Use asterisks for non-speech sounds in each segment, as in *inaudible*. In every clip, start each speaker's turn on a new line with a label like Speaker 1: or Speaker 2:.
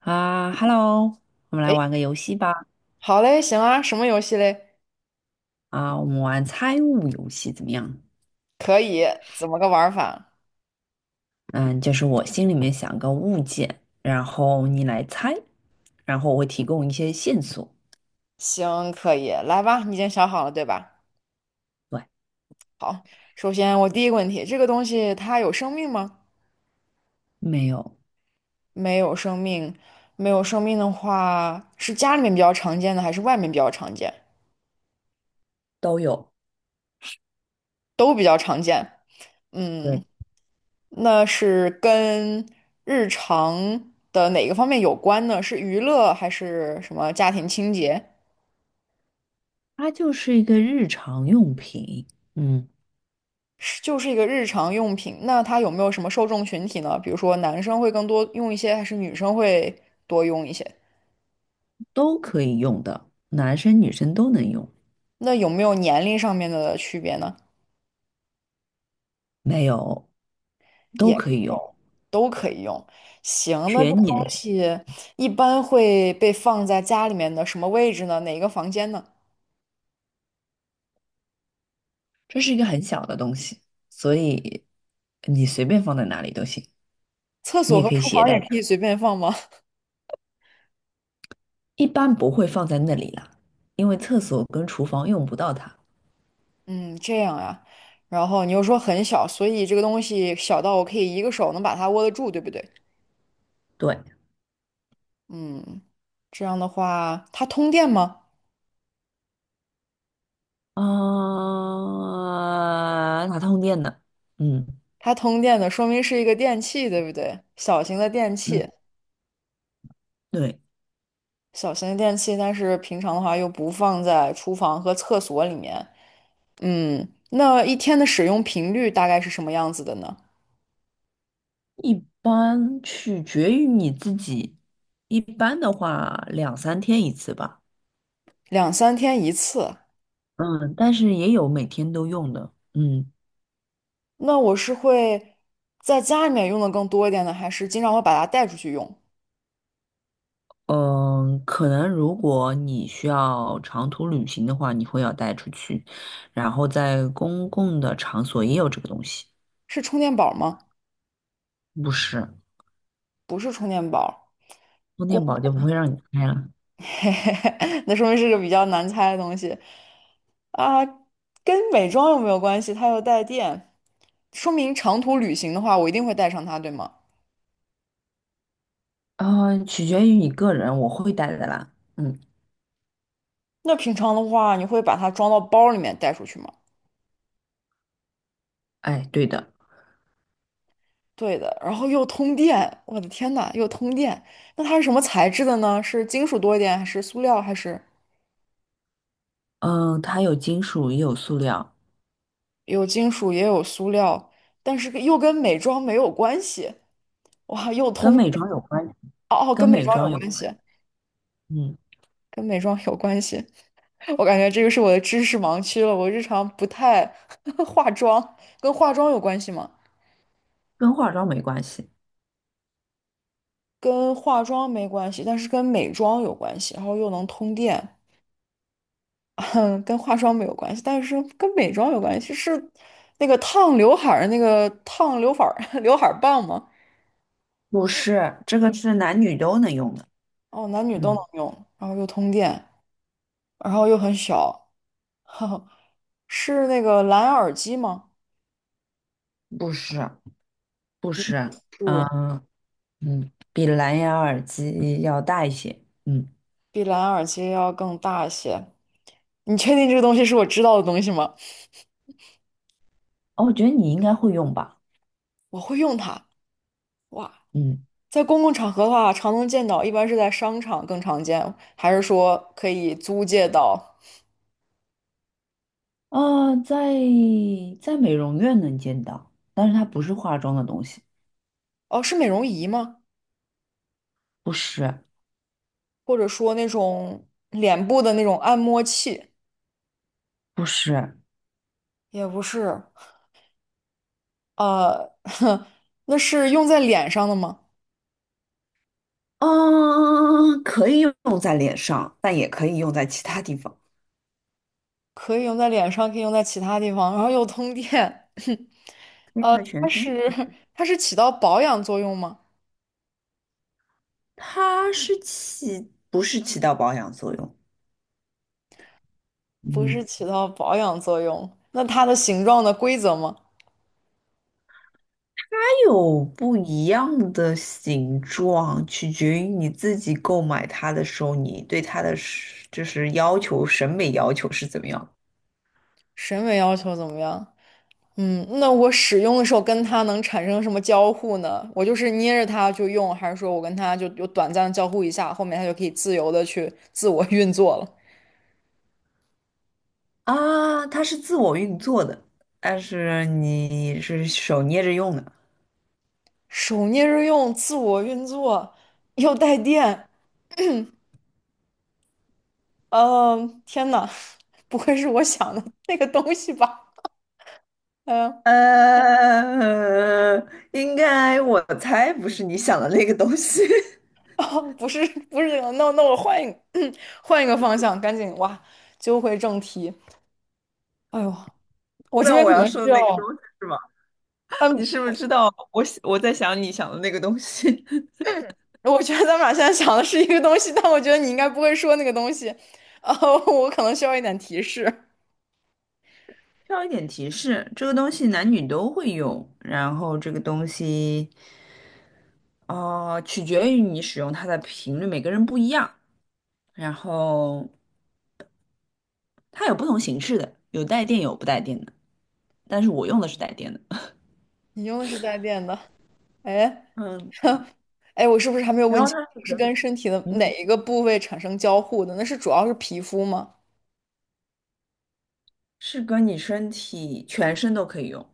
Speaker 1: 啊，Hello，我们来
Speaker 2: 诶，
Speaker 1: 玩个游戏吧。
Speaker 2: 好嘞，行啊，什么游戏嘞？
Speaker 1: 啊，我们玩猜物游戏怎么样？
Speaker 2: 可以，怎么个玩儿法？
Speaker 1: 嗯，就是我心里面想个物件，然后你来猜，然后我会提供一些线索。
Speaker 2: 行，可以，来吧，你已经想好了对吧？
Speaker 1: 对，
Speaker 2: 好，首先我第一个问题，这个东西它有生命吗？
Speaker 1: 没有，
Speaker 2: 没有生命，没有生命的话，是家里面比较常见的，还是外面比较常见？
Speaker 1: 都有。
Speaker 2: 都比较常见。
Speaker 1: 对，
Speaker 2: 嗯，那是跟日常的哪个方面有关呢？是娱乐还是什么家庭清洁？
Speaker 1: 它就是一个日常用品。嗯，
Speaker 2: 就是一个日常用品。那它有没有什么受众群体呢？比如说男生会更多用一些，还是女生会多用一些？
Speaker 1: 都可以用的，男生女生都能用。
Speaker 2: 那有没有年龄上面的区别呢？
Speaker 1: 没有，都
Speaker 2: 也
Speaker 1: 可以
Speaker 2: 没
Speaker 1: 用，
Speaker 2: 有，都可以用。行，那这个
Speaker 1: 全
Speaker 2: 东
Speaker 1: 年。
Speaker 2: 西一般会被放在家里面的什么位置呢？哪一个房间呢？
Speaker 1: 这是一个很小的东西，所以你随便放在哪里都行，
Speaker 2: 厕
Speaker 1: 你
Speaker 2: 所
Speaker 1: 也
Speaker 2: 和
Speaker 1: 可以
Speaker 2: 厨
Speaker 1: 携
Speaker 2: 房
Speaker 1: 带。
Speaker 2: 也可以随便放吗？
Speaker 1: 一般不会放在那里了，因为厕所跟厨房用不到它。
Speaker 2: *laughs* 嗯，这样呀。然后你又说很小，所以这个东西小到我可以一个手能把它握得住，对不对？
Speaker 1: 对，
Speaker 2: 嗯，这样的话，它通电吗？
Speaker 1: 哪通电的。嗯
Speaker 2: 它通电的，说明是一个电器，对不对？小型的电
Speaker 1: 嗯，
Speaker 2: 器，
Speaker 1: 对。
Speaker 2: 小型的电器，但是平常的话又不放在厨房和厕所里面。嗯，那一天的使用频率大概是什么样子的呢？
Speaker 1: 一般取决于你自己，一般的话两三天一次吧。
Speaker 2: 两三天一次。
Speaker 1: 嗯，但是也有每天都用的。嗯。
Speaker 2: 那我是会在家里面用的更多一点呢，还是经常会把它带出去用？
Speaker 1: 嗯，可能如果你需要长途旅行的话，你会要带出去，然后在公共的场所也有这个东西。
Speaker 2: 是充电宝吗？
Speaker 1: 不是。
Speaker 2: 不是充电宝，
Speaker 1: 充
Speaker 2: 公，
Speaker 1: 电宝就不会让你开了。
Speaker 2: *laughs* 那说明是个比较难猜的东西。啊，跟美妆又没有关系，它又带电，说明长途旅行的话，我一定会带上它，对吗？
Speaker 1: 嗯，取决于你个人，我会带的啦。嗯，
Speaker 2: 那平常的话，你会把它装到包里面带出去吗？
Speaker 1: 哎，对的。
Speaker 2: 对的，然后又通电，我的天呐，又通电。那它是什么材质的呢？是金属多一点，还是塑料，还是
Speaker 1: 嗯、它有金属也有塑料。
Speaker 2: 有金属也有塑料，但是又跟美妆没有关系。哇，又
Speaker 1: 跟
Speaker 2: 通
Speaker 1: 美
Speaker 2: 电，
Speaker 1: 妆有关，
Speaker 2: 哦哦，
Speaker 1: 跟
Speaker 2: 跟美
Speaker 1: 美
Speaker 2: 妆
Speaker 1: 妆
Speaker 2: 有
Speaker 1: 有
Speaker 2: 关
Speaker 1: 关。
Speaker 2: 系，
Speaker 1: 嗯，
Speaker 2: 跟美妆有关系。我感觉这个是我的知识盲区了。我日常不太 *laughs* 化妆，跟化妆有关系吗？
Speaker 1: 跟化妆没关系。
Speaker 2: 跟化妆没关系，但是跟美妆有关系，然后又能通电，*laughs* 跟化妆没有关系，但是跟美妆有关系，是那个烫刘海儿*laughs* 刘海儿棒吗？
Speaker 1: 不是，这个是男女都能用的。
Speaker 2: 哦，男女都能
Speaker 1: 嗯，
Speaker 2: 用，然后又通电，然后又很小，*laughs* 是那个蓝牙耳机吗？
Speaker 1: 不是，不是 *laughs*，
Speaker 2: 是，
Speaker 1: 嗯。比蓝牙耳机要大一些。嗯，
Speaker 2: 比蓝牙耳机要更大一些。你确定这个东西是我知道的东西吗？
Speaker 1: 哦，我觉得你应该会用吧。
Speaker 2: 我会用它。哇，
Speaker 1: 嗯，
Speaker 2: 在公共场合的话，常能见到，一般是在商场更常见，还是说可以租借到？
Speaker 1: 呃，在在美容院能见到，但是它不是化妆的东西。
Speaker 2: 哦，是美容仪吗？
Speaker 1: 不是。
Speaker 2: 或者说那种脸部的那种按摩器？
Speaker 1: 不是，
Speaker 2: 也不是，呃，*laughs* 那是用在脸上的吗？
Speaker 1: 嗯，可以用在脸上，但也可以用在其他地方，
Speaker 2: 可以用在脸上，可以用在其他地方，然后又通电。*laughs*
Speaker 1: 用在全
Speaker 2: 它
Speaker 1: 身。
Speaker 2: 是它是起到保养作用吗？
Speaker 1: 它是起，不是起到保养作用。
Speaker 2: 不
Speaker 1: 嗯，
Speaker 2: 是起到保养作用，那它的形状的规则吗？
Speaker 1: 它有不一样的形状，取决于你自己购买它的时候，你对它的要求、审美要求是怎么样？
Speaker 2: 审美要求怎么样？嗯，那我使用的时候跟它能产生什么交互呢？我就是捏着它就用，还是说我跟它就有短暂的交互一下，后面它就可以自由的去自我运作了？
Speaker 1: 啊？它是自我运作的，但是你是手捏着用的。
Speaker 2: 手捏着用，自我运作，又带电，嗯、天呐，*laughs* 不会是我想的那个东西吧？嗯、
Speaker 1: 呃，应该我猜不是你想的那个东西。
Speaker 2: 哦，不是，不是这个，那我换一个，*clears throat* 换一个方向，赶紧哇，揪回正题。哎呦，
Speaker 1: *laughs*
Speaker 2: 我
Speaker 1: 知
Speaker 2: 这
Speaker 1: 道
Speaker 2: 边
Speaker 1: 我
Speaker 2: 可
Speaker 1: 要
Speaker 2: 能
Speaker 1: 说的
Speaker 2: 需
Speaker 1: 那个东
Speaker 2: 要。
Speaker 1: 西是吗？
Speaker 2: 嗯。
Speaker 1: 你是不是知道我在想你想的那个东西？*laughs*
Speaker 2: 我觉得咱们俩现在想的是一个东西，但我觉得你应该不会说那个东西，呃，*laughs* 我可能需要一点提示。
Speaker 1: 需要一点提示，这个东西男女都会用，然后这个东西，哦，取决于你使用它的频率，每个人不一样，然后它有不同形式的，有带电有不带电的，但是我用的是带电的。*laughs*
Speaker 2: 你用的是带电的，哎，
Speaker 1: 嗯，
Speaker 2: *laughs* 哎，我是不是还没有
Speaker 1: 然
Speaker 2: 问
Speaker 1: 后
Speaker 2: 清，
Speaker 1: 它是
Speaker 2: 是
Speaker 1: 可以，
Speaker 2: 跟身体的
Speaker 1: 嗯
Speaker 2: 哪一个部位产生交互的？那是主要是皮肤吗？
Speaker 1: 是跟你身体全身都可以用。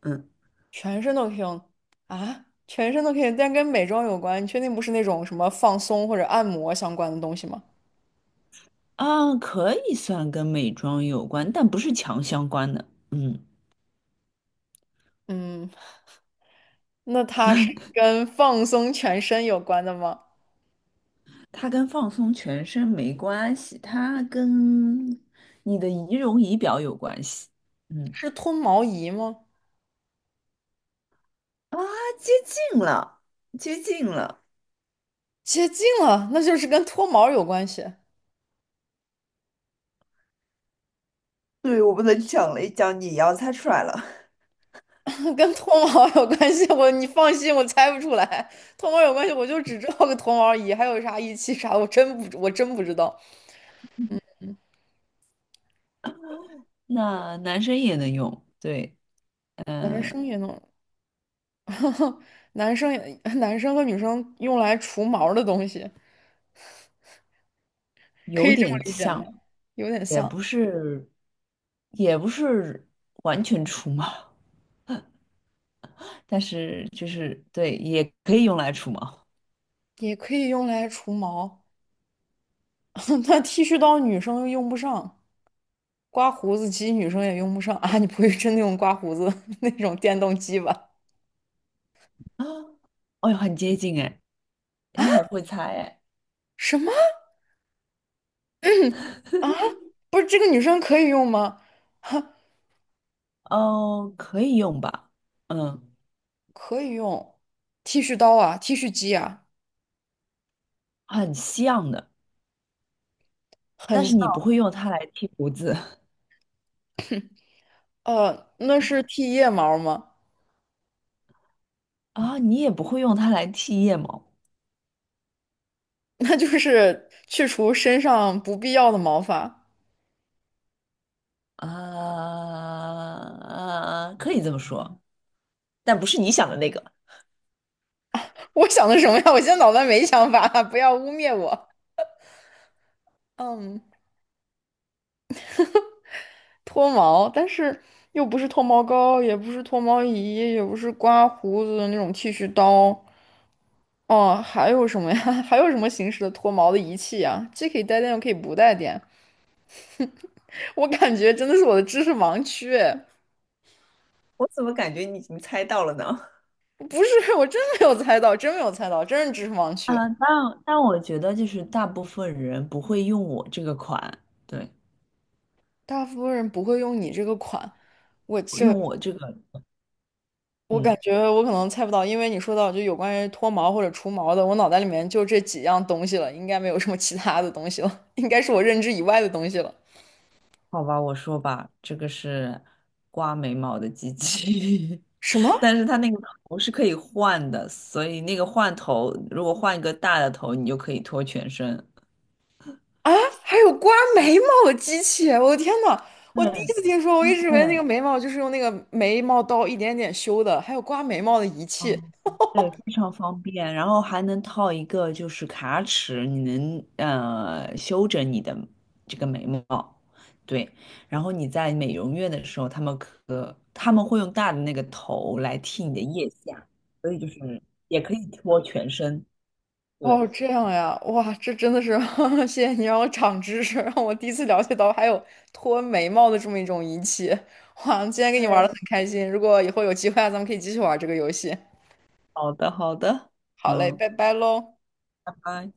Speaker 1: 嗯，
Speaker 2: 全身都可以用啊？全身都可以，但跟美妆有关，你确定不是那种什么放松或者按摩相关的东西吗？
Speaker 1: 啊，可以算跟美妆有关，但不是强相关的。嗯，
Speaker 2: 嗯，那它是跟放松全身有关的吗？
Speaker 1: 它跟放松全身没关系，它跟你的仪容仪表有关系。嗯，
Speaker 2: 是脱毛仪吗？
Speaker 1: 啊，接近了，接近了。
Speaker 2: 接近了，那就是跟脱毛有关系，
Speaker 1: 对，我不能讲了，一讲你要猜出来了。
Speaker 2: *laughs* 跟脱毛有关系。我你放心，我猜不出来，脱毛有关系，我就只知道个脱毛仪，还有啥仪器啥，的，我真不知道。
Speaker 1: *laughs* 那男生也能用，对。
Speaker 2: 男
Speaker 1: 嗯、
Speaker 2: 生也弄，*laughs* 男生也 *laughs* 男生和女生用来除毛的东西，可
Speaker 1: 有
Speaker 2: 以这么
Speaker 1: 点
Speaker 2: 理解吗？
Speaker 1: 像，
Speaker 2: 有点
Speaker 1: 也
Speaker 2: 像，
Speaker 1: 不是，也不是完全出嘛。但是就是对，也可以用来除毛
Speaker 2: 也可以用来除毛。*laughs* 那剃须刀女生又用不上，刮胡子机女生也用不上 *laughs* 啊。你不会真的用刮胡子 *laughs* 那种电动机吧？
Speaker 1: 啊。哦哟，很接近哎，你很会猜哎。
Speaker 2: 什么？*laughs* 啊，不是这个女生可以用吗？哈，
Speaker 1: 哦，可以用吧？嗯，
Speaker 2: 可以用剃须刀啊，剃须机啊，
Speaker 1: 很像的，但
Speaker 2: 很
Speaker 1: 是
Speaker 2: 像。
Speaker 1: 你不会用它来剃胡子。
Speaker 2: 那是剃腋毛吗？
Speaker 1: *laughs* 啊，你也不会用它来剃腋毛
Speaker 2: *laughs* 那就是去除身上不必要的毛发。
Speaker 1: 啊，可以这么说，但不是你想的那个。
Speaker 2: 我想的什么呀？我现在脑袋没想法，*laughs* 不要污蔑我。嗯，脱毛，但是又不是脱毛膏，也不是脱毛仪，也不是刮胡子的那种剃须刀。哦，还有什么呀？*laughs* 还有什么形式的脱毛的仪器呀？既可以带电，又可以不带电。我感觉真的是我的知识盲区，哎
Speaker 1: 我怎么感觉你已经猜到了呢？*laughs*
Speaker 2: 不是，我真没有猜到，真没有猜到，真是知识盲区。
Speaker 1: 啊。但我觉得就是大部分人不会用我这个款，对，
Speaker 2: 大部分人不会用你这个款，我这
Speaker 1: 用我这个。
Speaker 2: 我感
Speaker 1: 嗯。
Speaker 2: 觉我可能猜不到，因为你说到就有关于脱毛或者除毛的，我脑袋里面就这几样东西了，应该没有什么其他的东西了，应该是我认知以外的东西了。
Speaker 1: 好吧，我说吧，这个是刮眉毛的机器。
Speaker 2: 什
Speaker 1: *laughs*
Speaker 2: 么
Speaker 1: 但是它那个头是可以换的，所以那个换头，如果换一个大的头，你就可以脱全身。
Speaker 2: 啊？还有刮眉毛的机器哎？我的天呐，我第一
Speaker 1: 对，
Speaker 2: 次听说，我一
Speaker 1: 它
Speaker 2: 直以为那
Speaker 1: 对，
Speaker 2: 个眉毛就是用那个眉毛刀一点点修的，还有刮眉毛的仪器。
Speaker 1: 哦，对，非常方便，然后还能套一个就是卡尺，你能修整你的这个眉毛，对，然后你在美容院的时候，他们会用大的那个头来剃你的腋下，所以就是也可以脱全身，对，
Speaker 2: 哦，这样呀，哇，这真的是，*laughs* 谢谢你让我长知识，让我第一次了解到还有脱眉毛的这么一种仪器。哇，今天跟你玩的很
Speaker 1: 对。
Speaker 2: 开心，如果以后有机会啊，咱们可以继续玩这个游戏。
Speaker 1: 好的好的，
Speaker 2: 好嘞，
Speaker 1: 嗯，
Speaker 2: 拜拜喽。
Speaker 1: 拜拜。